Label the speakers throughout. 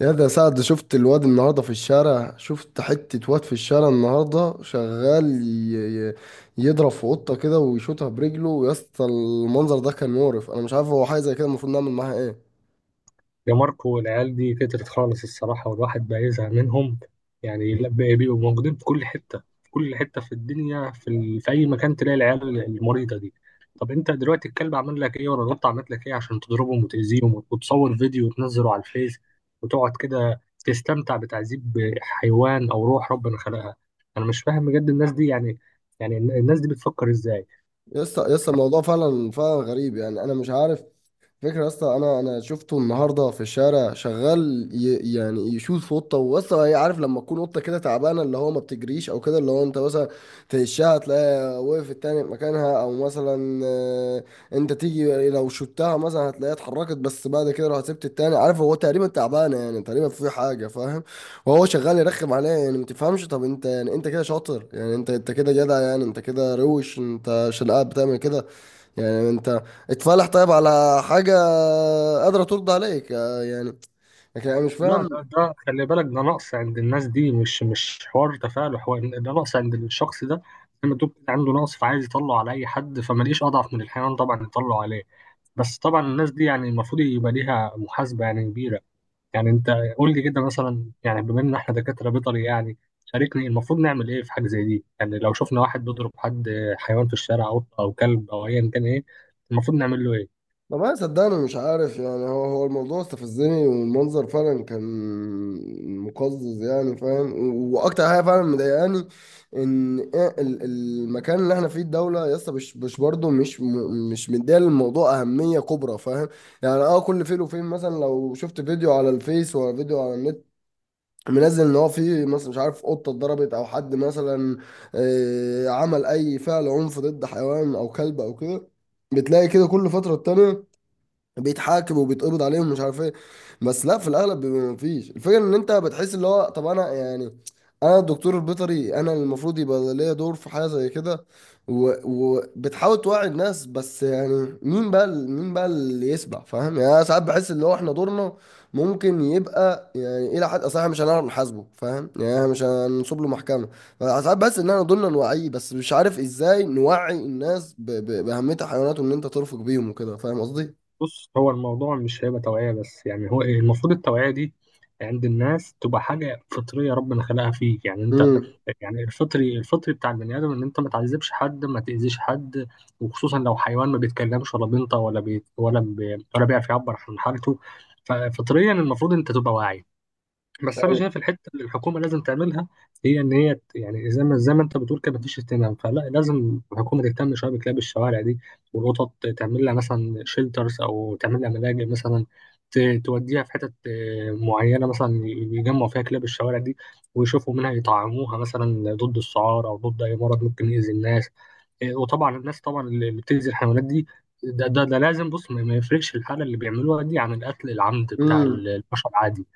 Speaker 1: يا ده سعد، شفت الواد النهارده في الشارع. شفت حتة واد في الشارع النهارده شغال يضرب في قطة كده ويشوطها برجله. يا اسطى، المنظر ده كان مقرف. انا مش عارف، هو حاجة زي كده المفروض نعمل معاها ايه؟
Speaker 2: يا ماركو، العيال دي كترت خالص الصراحة، والواحد بقى يزهق منهم. يعني لا بقى بيبقوا موجودين في كل حتة، في الدنيا، في أي مكان تلاقي العيال المريضة دي. طب أنت دلوقتي الكلب عمل لك إيه، ولا القطة عملت لك إيه، عشان تضربهم وتأذيهم وتصور فيديو وتنزله على الفيس، وتقعد كده تستمتع بتعذيب حيوان أو روح ربنا خلقها؟ أنا مش فاهم بجد الناس دي يعني. يعني الناس دي بتفكر إزاي؟
Speaker 1: يا اسطى يا اسطى، الموضوع فعلا فعلا غريب، يعني انا مش عارف. فكرة يا اسطى، انا شفته النهارده في الشارع شغال يعني يشوط في قطه. واسطى، هي عارف لما تكون قطه كده تعبانه، اللي هو ما بتجريش او كده، اللي هو انت مثلا تهشها تلاقيها وقفت تاني في مكانها، او مثلا آه، انت تيجي لو شوتها مثلا هتلاقيها اتحركت، بس بعد كده لو سبت التاني عارف هو تقريبا تعبانه، يعني تقريبا في حاجه فاهم. وهو شغال يرخم عليها. يعني ما تفهمش، طب انت يعني انت كده شاطر؟ يعني انت كده جدع؟ يعني انت كده روش انت عشان قاعد بتعمل كده؟ يعني انت اتفلح طيب على حاجة قادرة ترضى عليك؟ آه، يعني لكن انا مش
Speaker 2: لا،
Speaker 1: فاهم.
Speaker 2: ده خلي بالك، ده نقص عند الناس دي، مش حوار تفاعل، حوار ده نقص عند الشخص ده. لما تقول كده عنده نقص، فعايز يطلع على اي حد، فما لقيش اضعف من الحيوان طبعا يطلع عليه. بس طبعا الناس دي يعني المفروض يبقى ليها محاسبه يعني كبيره. يعني انت قول لي كده مثلا، يعني بما ان احنا دكاتره بيطري يعني، شاركني المفروض نعمل ايه في حاجه زي دي؟ يعني لو شفنا واحد بيضرب حد، حيوان في الشارع، قطه او كلب او ايا كان، ايه المفروض نعمل له ايه؟
Speaker 1: والله صدقني مش عارف، يعني هو الموضوع استفزني، والمنظر فعلا كان مقزز يعني فاهم. واكتر حاجة فعلا مضايقاني ان ايه المكان اللي احنا فيه، الدولة يا اسطى مش برضه مش مديه للموضوع اهمية كبرى فاهم. يعني اه، كل فين وفين مثلا لو شفت فيديو على الفيس ولا فيديو على النت منزل ان هو في مثلا مش عارف قطه اتضربت، او حد مثلا آه، عمل اي فعل عنف ضد حيوان او كلب او كده، بتلاقي كده كل فتره تانية بيتحاكموا وبيتقبض عليهم مش عارف ايه. بس لا، في الاغلب بيبقى مفيش. الفكره ان انت بتحس اللي هو طب انا يعني انا الدكتور البيطري، انا المفروض يبقى ليا دور في حاجه زي كده وبتحاول توعي الناس. بس يعني مين بقى مين بقى اللي يسمع فاهم؟ يعني انا ساعات بحس اللي هو احنا دورنا ممكن يبقى يعني الى حد، اصل احنا مش هنعرف نحاسبه فاهم، يعني احنا مش هنصب له محكمه. ساعات بحس ان احنا دورنا نوعيه، بس مش عارف ازاي نوعي الناس باهميه الحيوانات، وان انت ترفق بيهم وكده فاهم قصدي.
Speaker 2: بص، هو الموضوع مش هيبقى توعية بس، يعني هو المفروض التوعية دي عند الناس تبقى حاجة فطرية ربنا خلقها فيك. يعني انت
Speaker 1: امم.
Speaker 2: يعني الفطري، الفطري بتاع البني آدم ان انت ما تعذبش حد، ما تأذيش حد. وخصوصا لو حيوان ما بيتكلمش ولا بينطق ولا بيعرف يعبر عن حالته. ففطريا المفروض انت تبقى واعي. بس انا شايف الحته اللي الحكومه لازم تعملها، هي ان يعني زي ما انت بتقول كده، مفيش اهتمام. فلا، لازم الحكومه تهتم شويه بكلاب الشوارع دي والقطط. تعمل لها مثلا شيلترز، او تعمل لها ملاجئ مثلا. توديها في حتت معينه، مثلا يجمعوا فيها كلاب الشوارع دي ويشوفوا منها، يطعموها مثلا ضد السعار او ضد اي مرض ممكن يأذي الناس. وطبعا الناس طبعا اللي بتأذي الحيوانات دي، ده لازم بص، ما ما يفرقش الحالة اللي بيعملوها دي عن القتل العمد بتاع
Speaker 1: امم.
Speaker 2: البشر. عادي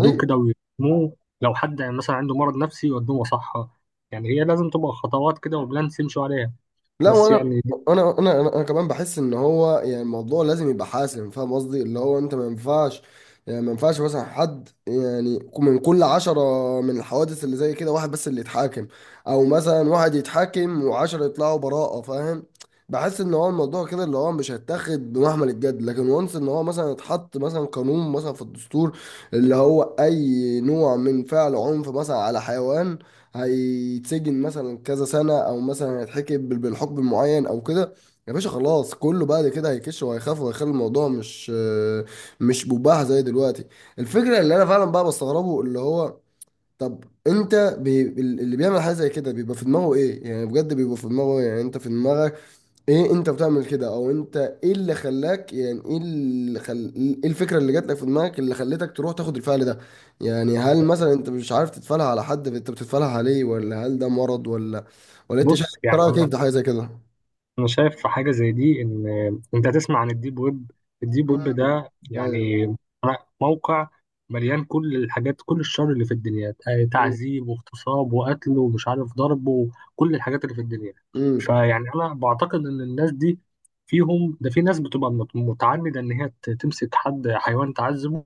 Speaker 1: اي.
Speaker 2: كده ويرموه. لو حد مثلا عنده مرض نفسي يودوه مصحة. يعني هي لازم تبقى خطوات كده وبلانس يمشوا عليها.
Speaker 1: لا،
Speaker 2: بس
Speaker 1: وانا
Speaker 2: يعني
Speaker 1: انا انا انا أنا كمان بحس ان هو يعني الموضوع لازم يبقى حاسم فاهم قصدي، اللي هو انت ما ينفعش يعني ما ينفعش مثلا حد، يعني من كل 10 من الحوادث اللي زي كده واحد بس اللي يتحاكم، او مثلا واحد يتحاكم وعشرة يطلعوا براءة فاهم. بحس ان هو الموضوع كده اللي هو مش هيتاخد بمحمل الجد. لكن وانس ان هو مثلا اتحط مثلا قانون مثلا في الدستور، اللي هو اي نوع من فعل عنف مثلا على حيوان هيتسجن مثلا كذا سنة، او مثلا هيتحكم بالحكم المعين او كده. يا باشا خلاص، كله بعد كده هيكش وهيخاف وهيخلي الموضوع مش مباح زي دلوقتي. الفكرة اللي انا فعلا بقى بستغربه اللي هو طب انت اللي بيعمل حاجة زي كده بيبقى في دماغه ايه؟ يعني بجد بيبقى في دماغه إيه؟ يعني انت في دماغك ايه انت بتعمل كده؟ او انت ايه اللي خلاك يعني ايه الفكره اللي جات لك في دماغك اللي خلتك تروح تاخد الفعل ده؟ يعني هل مثلا انت مش عارف تتفعلها على حد انت بتتفعلها عليه؟ ولا هل ده مرض؟ ولا ولا انت شايف،
Speaker 2: بص،
Speaker 1: انت
Speaker 2: يعني
Speaker 1: رايك كيف ده حاجه زي كده؟
Speaker 2: انا شايف في حاجه زي دي، ان انت تسمع عن الديب ويب. الديب
Speaker 1: مم.
Speaker 2: ويب ده
Speaker 1: ايوه.
Speaker 2: يعني موقع مليان كل الحاجات، كل الشر اللي في الدنيا.
Speaker 1: مم.
Speaker 2: تعذيب واغتصاب وقتل ومش عارف ضرب وكل الحاجات اللي في الدنيا.
Speaker 1: مم.
Speaker 2: فيعني انا بعتقد ان الناس دي فيهم ده، في ناس بتبقى متعمده ان تمسك حد حيوان تعذبه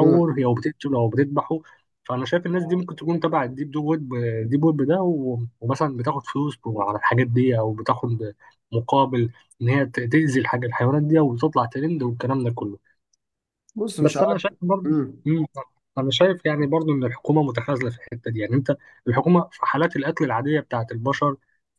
Speaker 1: مم.
Speaker 2: هي، وبتقتله او بتذبحه. فانا شايف الناس دي ممكن تكون تبع الديب دو ويب، ديب ويب ده، ومثلا بتاخد فلوس على الحاجات دي، او بتاخد مقابل ان تأذي الحاجه الحيوانات دي وتطلع ترند والكلام ده كله.
Speaker 1: بص مش
Speaker 2: بس انا
Speaker 1: عارف.
Speaker 2: شايف برضه.
Speaker 1: مم.
Speaker 2: مم. انا شايف يعني برضه ان الحكومه متخاذله في الحته دي. يعني انت الحكومه في حالات القتل العاديه بتاعت البشر،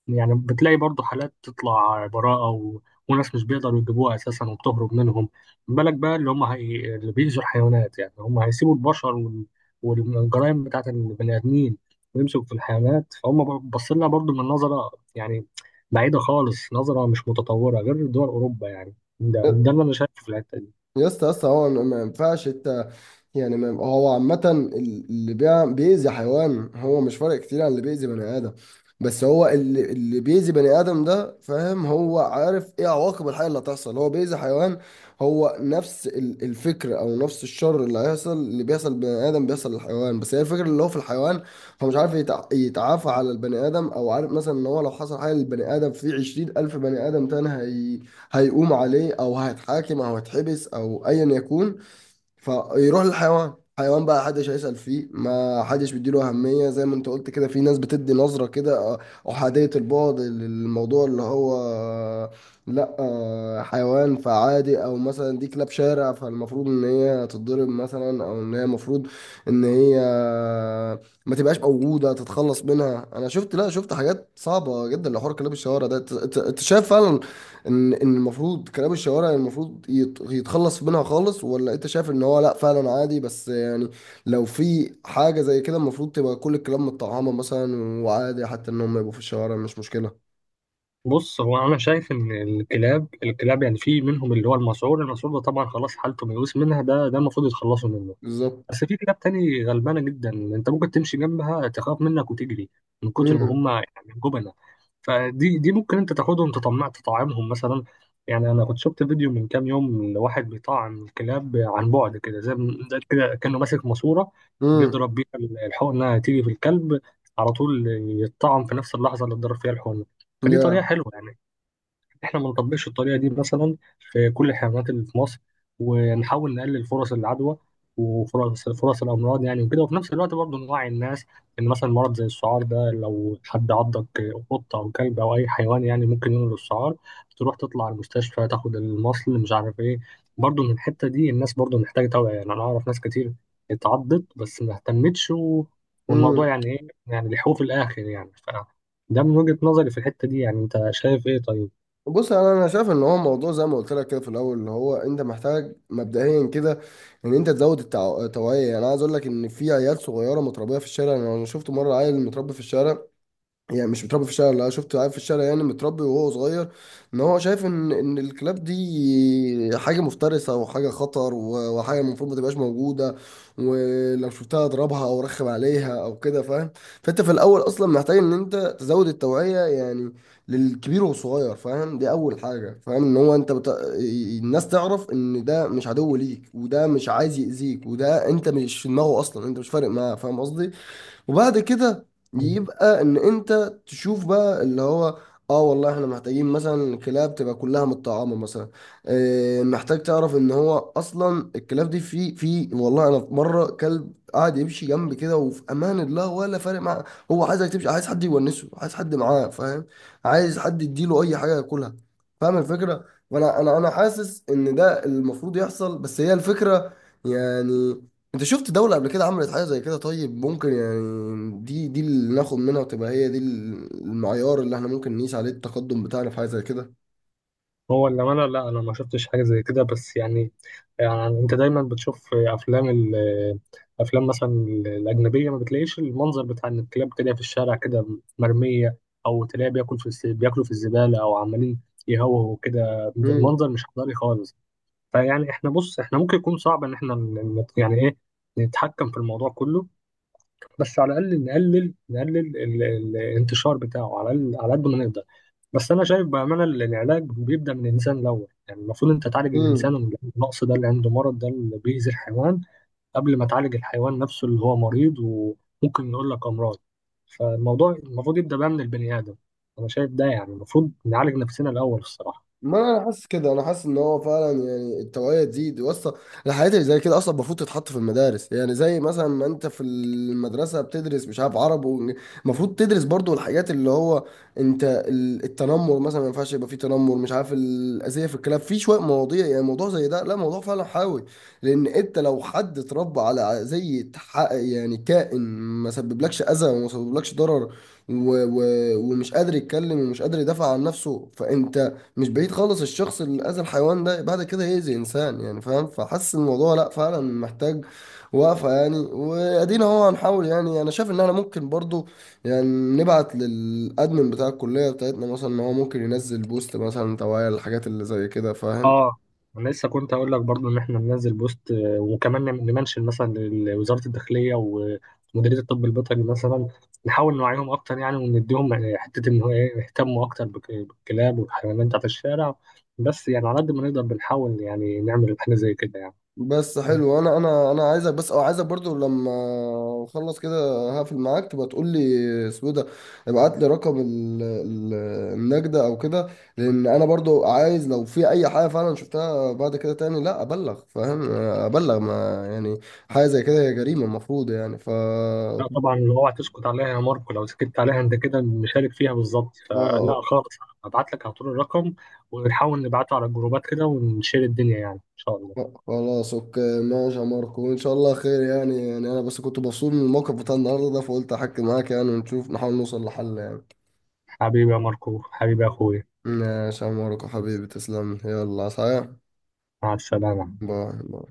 Speaker 2: يعني بتلاقي برضه حالات تطلع براءه، وناس مش بيقدروا يجيبوها اساسا وبتهرب منهم. بالك بقى اللي بيأذوا الحيوانات، يعني هم هيسيبوا البشر والجرائم بتاعت البني ادمين ويمسكوا في الحيوانات؟ فهم باصين لنا برضه من نظره يعني بعيده خالص، نظره مش متطوره غير دول اوروبا يعني. ده اللي انا شايفه في الحته دي.
Speaker 1: يا اسطى يا اسطى، هو ما ينفعش انت، يعني ما هو عامة اللي بيأذي حيوان هو مش فارق كتير عن اللي بيأذي بني آدم. بس هو اللي بيأذي بني آدم ده فاهم هو عارف ايه عواقب الحاجة اللي هتحصل. هو بيأذي حيوان، هو نفس الفكر او نفس الشر اللي هيحصل، اللي بيحصل لبني آدم بيحصل للحيوان. بس هي الفكرة اللي هو في الحيوان هو مش عارف يتعافى على البني آدم، او عارف مثلا ان هو لو حصل حاجة للبني آدم في 20,000 بني آدم تاني هي هيقوم عليه او هيتحاكم او هيتحبس او ايا يكون. فيروح للحيوان. حيوان بقى حدش هيسأل فيه، ما حدش بيديله أهمية. زي ما انت قلت كده، في ناس بتدي نظرة كده آه، أحادية البعد للموضوع اللي هو آه، لا آه، حيوان فعادي، او مثلا دي كلاب شارع فالمفروض ان هي تتضرب مثلا، او ان هي المفروض ان هي ما تبقاش موجودة تتخلص منها. انا شفت، لا شفت حاجات صعبة جدا لحوار كلاب الشوارع ده. انت أنت شايف فعلا ان ان المفروض كلام الشوارع يعني المفروض يتخلص منها خالص، ولا انت شايف ان هو لا فعلا عادي، بس يعني لو في حاجة زي كده المفروض تبقى كل الكلام متطعمة مثلا، وعادي حتى ان هم يبقوا في الشوارع مش مشكلة؟
Speaker 2: بص، هو انا شايف ان الكلاب يعني في منهم اللي هو المسعور، المسعور ده طبعا خلاص حالته ميؤوس منها، ده المفروض يتخلصوا منه.
Speaker 1: بالظبط.
Speaker 2: بس في كلاب تاني غلبانة جدا، انت ممكن تمشي جنبها تخاف منك وتجري من كتر ما
Speaker 1: امم.
Speaker 2: هم يعني جبنة. فدي ممكن انت تاخدهم تطمع تطعمهم مثلا. يعني انا كنت شفت فيديو من كام يوم لواحد بيطعم الكلاب عن بعد كده، زي زي كده كانه ماسك ماسورة.
Speaker 1: امم.
Speaker 2: بيضرب بيها الحقنة انها تيجي في الكلب على طول، يتطعم في نفس اللحظة اللي اتضرب فيها الحقنة. فدي طريقة
Speaker 1: يا.
Speaker 2: حلوة يعني. احنا ما نطبقش الطريقه دي مثلا في كل الحيوانات اللي في مصر، ونحاول نقلل فرص العدوى وفرص الامراض يعني وكده. وفي نفس الوقت برضه نوعي الناس ان مثلا مرض زي السعار ده، لو حد عضك، قطه او كلب او اي حيوان، يعني ممكن ينقل السعار، تروح تطلع على المستشفى تاخد المصل مش عارف ايه. برضه من الحته دي الناس برضه محتاجه توعيه. يعني انا اعرف ناس كتير اتعضت بس ما اهتمتش، والموضوع
Speaker 1: امم.
Speaker 2: يعني ايه يعني لحقوه في الاخر يعني ده من وجهة نظري في الحتة دي. يعني انت شايف ايه طيب؟
Speaker 1: بص انا شايف ان هو موضوع زي ما قلت لك كده في الاول، اللي هو انت محتاج مبدئيا كده ان انت تزود التوعيه. يعني عايز اقول لك ان في عيال صغيره متربيه في الشارع. انا شفت مره عيل متربي في الشارع، يعني مش متربي في الشارع، لا شفته قاعد في الشارع يعني متربي وهو صغير، ان هو شايف ان ان الكلاب دي حاجه مفترسه وحاجه خطر وحاجه المفروض ما تبقاش موجوده، ولو شفتها اضربها او رخم عليها او كده فاهم. فانت في الاول اصلا محتاج ان انت تزود التوعيه يعني، للكبير والصغير فاهم. دي اول حاجه فاهم، ان هو انت الناس تعرف ان ده مش عدو ليك، وده مش عايز يأذيك، وده انت مش في دماغه اصلا، انت مش فارق معاه فاهم قصدي. وبعد كده يبقى ان انت تشوف بقى اللي هو اه والله احنا محتاجين مثلا الكلاب تبقى كلها متطعمه مثلا. اه محتاج تعرف ان هو اصلا الكلاب دي في في والله انا في مره كلب قاعد يمشي جنبي كده وفي امان الله، ولا فارق معاه. هو عايزك تمشي، عايز حد يونسه، عايز حد معاه فاهم، عايز حد يديله اي حاجه ياكلها فاهم الفكره. فانا انا انا حاسس ان ده المفروض يحصل. بس هي الفكره، يعني انت شفت دولة قبل كده عملت حاجة زي كده؟ طيب ممكن يعني دي اللي ناخد منها، وتبقى هي دي المعيار اللي احنا ممكن نقيس عليه التقدم بتاعنا في حاجة زي كده.
Speaker 2: هو اللي انا لا، انا ما شفتش حاجه زي كده بس يعني، يعني انت دايما بتشوف افلام افلام مثلا الاجنبيه، ما بتلاقيش المنظر بتاع ان الكلاب بتلاقيها في الشارع كده مرميه، او تلاقيها بياكل في بياكلوا في الزباله، او عمالين يهوهوا كده. منظر مش حضاري خالص. فيعني احنا بص، احنا ممكن يكون صعب ان احنا يعني ايه نتحكم في الموضوع كله، بس على الاقل نقلل، نقلل ال- الانتشار بتاعه على على قد ما نقدر. بس انا شايف بامانه العلاج بيبدا من الانسان الاول. يعني المفروض انت تعالج
Speaker 1: امم.
Speaker 2: الانسان من النقص ده اللي عنده، مرض ده اللي بيأذي الحيوان، قبل ما تعالج الحيوان نفسه اللي هو مريض وممكن يقول لك امراض. فالموضوع المفروض يبدا بقى من البني ادم. انا شايف ده يعني المفروض نعالج نفسنا الاول الصراحه.
Speaker 1: ما انا حاسس كده، انا حاسس ان هو فعلا يعني التوعيه تزيد واسطه. الحاجات اللي زي كده اصلا المفروض تتحط في المدارس. يعني زي مثلا ما انت في المدرسه بتدرس مش عارف عرب المفروض تدرس برضو الحاجات اللي هو انت التنمر مثلا. ما ينفعش يبقى فيه تنمر مش عارف الاذيه في الكلام، في شويه مواضيع يعني موضوع زي ده، لا موضوع فعلا حيوي. لان انت لو حد اتربى على زي يعني كائن ما سببلكش اذى وما سببلكش ضرر، و... و... ومش قادر يتكلم ومش قادر يدافع عن نفسه، فانت مش بعيد خالص الشخص اللي اذى الحيوان ده بعد كده يأذي انسان يعني فاهم. فحس الموضوع لا فعلا محتاج وقفة يعني. وادينا اهو هنحاول. يعني انا شايف ان احنا ممكن برضو يعني نبعت للادمن بتاع الكلية بتاعتنا مثلا، ان هو ممكن ينزل بوست مثلا توعية للحاجات اللي زي كده فاهم.
Speaker 2: اه، انا لسه كنت اقول لك برضو ان احنا ننزل بوست، وكمان نمنشن مثلا لوزاره الداخليه ومديريه الطب البيطري مثلا. نحاول نوعيهم اكتر يعني، ونديهم حته ان هو ايه، يهتموا اكتر بالكلاب والحيوانات بتاعت الشارع. بس يعني على قد ما نقدر بنحاول يعني نعمل حاجه زي كده يعني.
Speaker 1: بس
Speaker 2: بس
Speaker 1: حلو، انا عايزك بس، او عايزك برضو لما اخلص كده هقفل معاك تبقى تقول لي اسمه إيه ده. ابعت لي رقم النجدة او كده، لان انا برضو عايز لو في اي حاجة فعلا شفتها بعد كده تاني لا ابلغ فاهم. ابلغ ما يعني حاجة زي كده هي جريمة المفروض يعني ف آه،
Speaker 2: لا طبعا اوعى تسكت عليها يا ماركو، لو سكت عليها انت كده مشارك فيها بالظبط. فلا
Speaker 1: آه،
Speaker 2: خالص، هبعت لك على طول الرقم، ونحاول نبعته على الجروبات كده ونشير الدنيا يعني، ان شاء الله.
Speaker 1: خلاص اوكي ماشي يا ماركو، وان شاء الله خير. يعني يعني انا بس كنت مبسوط من الموقف بتاع النهارده ده، فقلت احكي معاك يعني ونشوف نحاول نوصل لحل يعني.
Speaker 2: حبيبي يا ماركو، حبيبي يا اخويا.
Speaker 1: ماشي يا ماركو حبيبي، تسلم. يلا صحيح،
Speaker 2: مع السلامة.
Speaker 1: باي باي.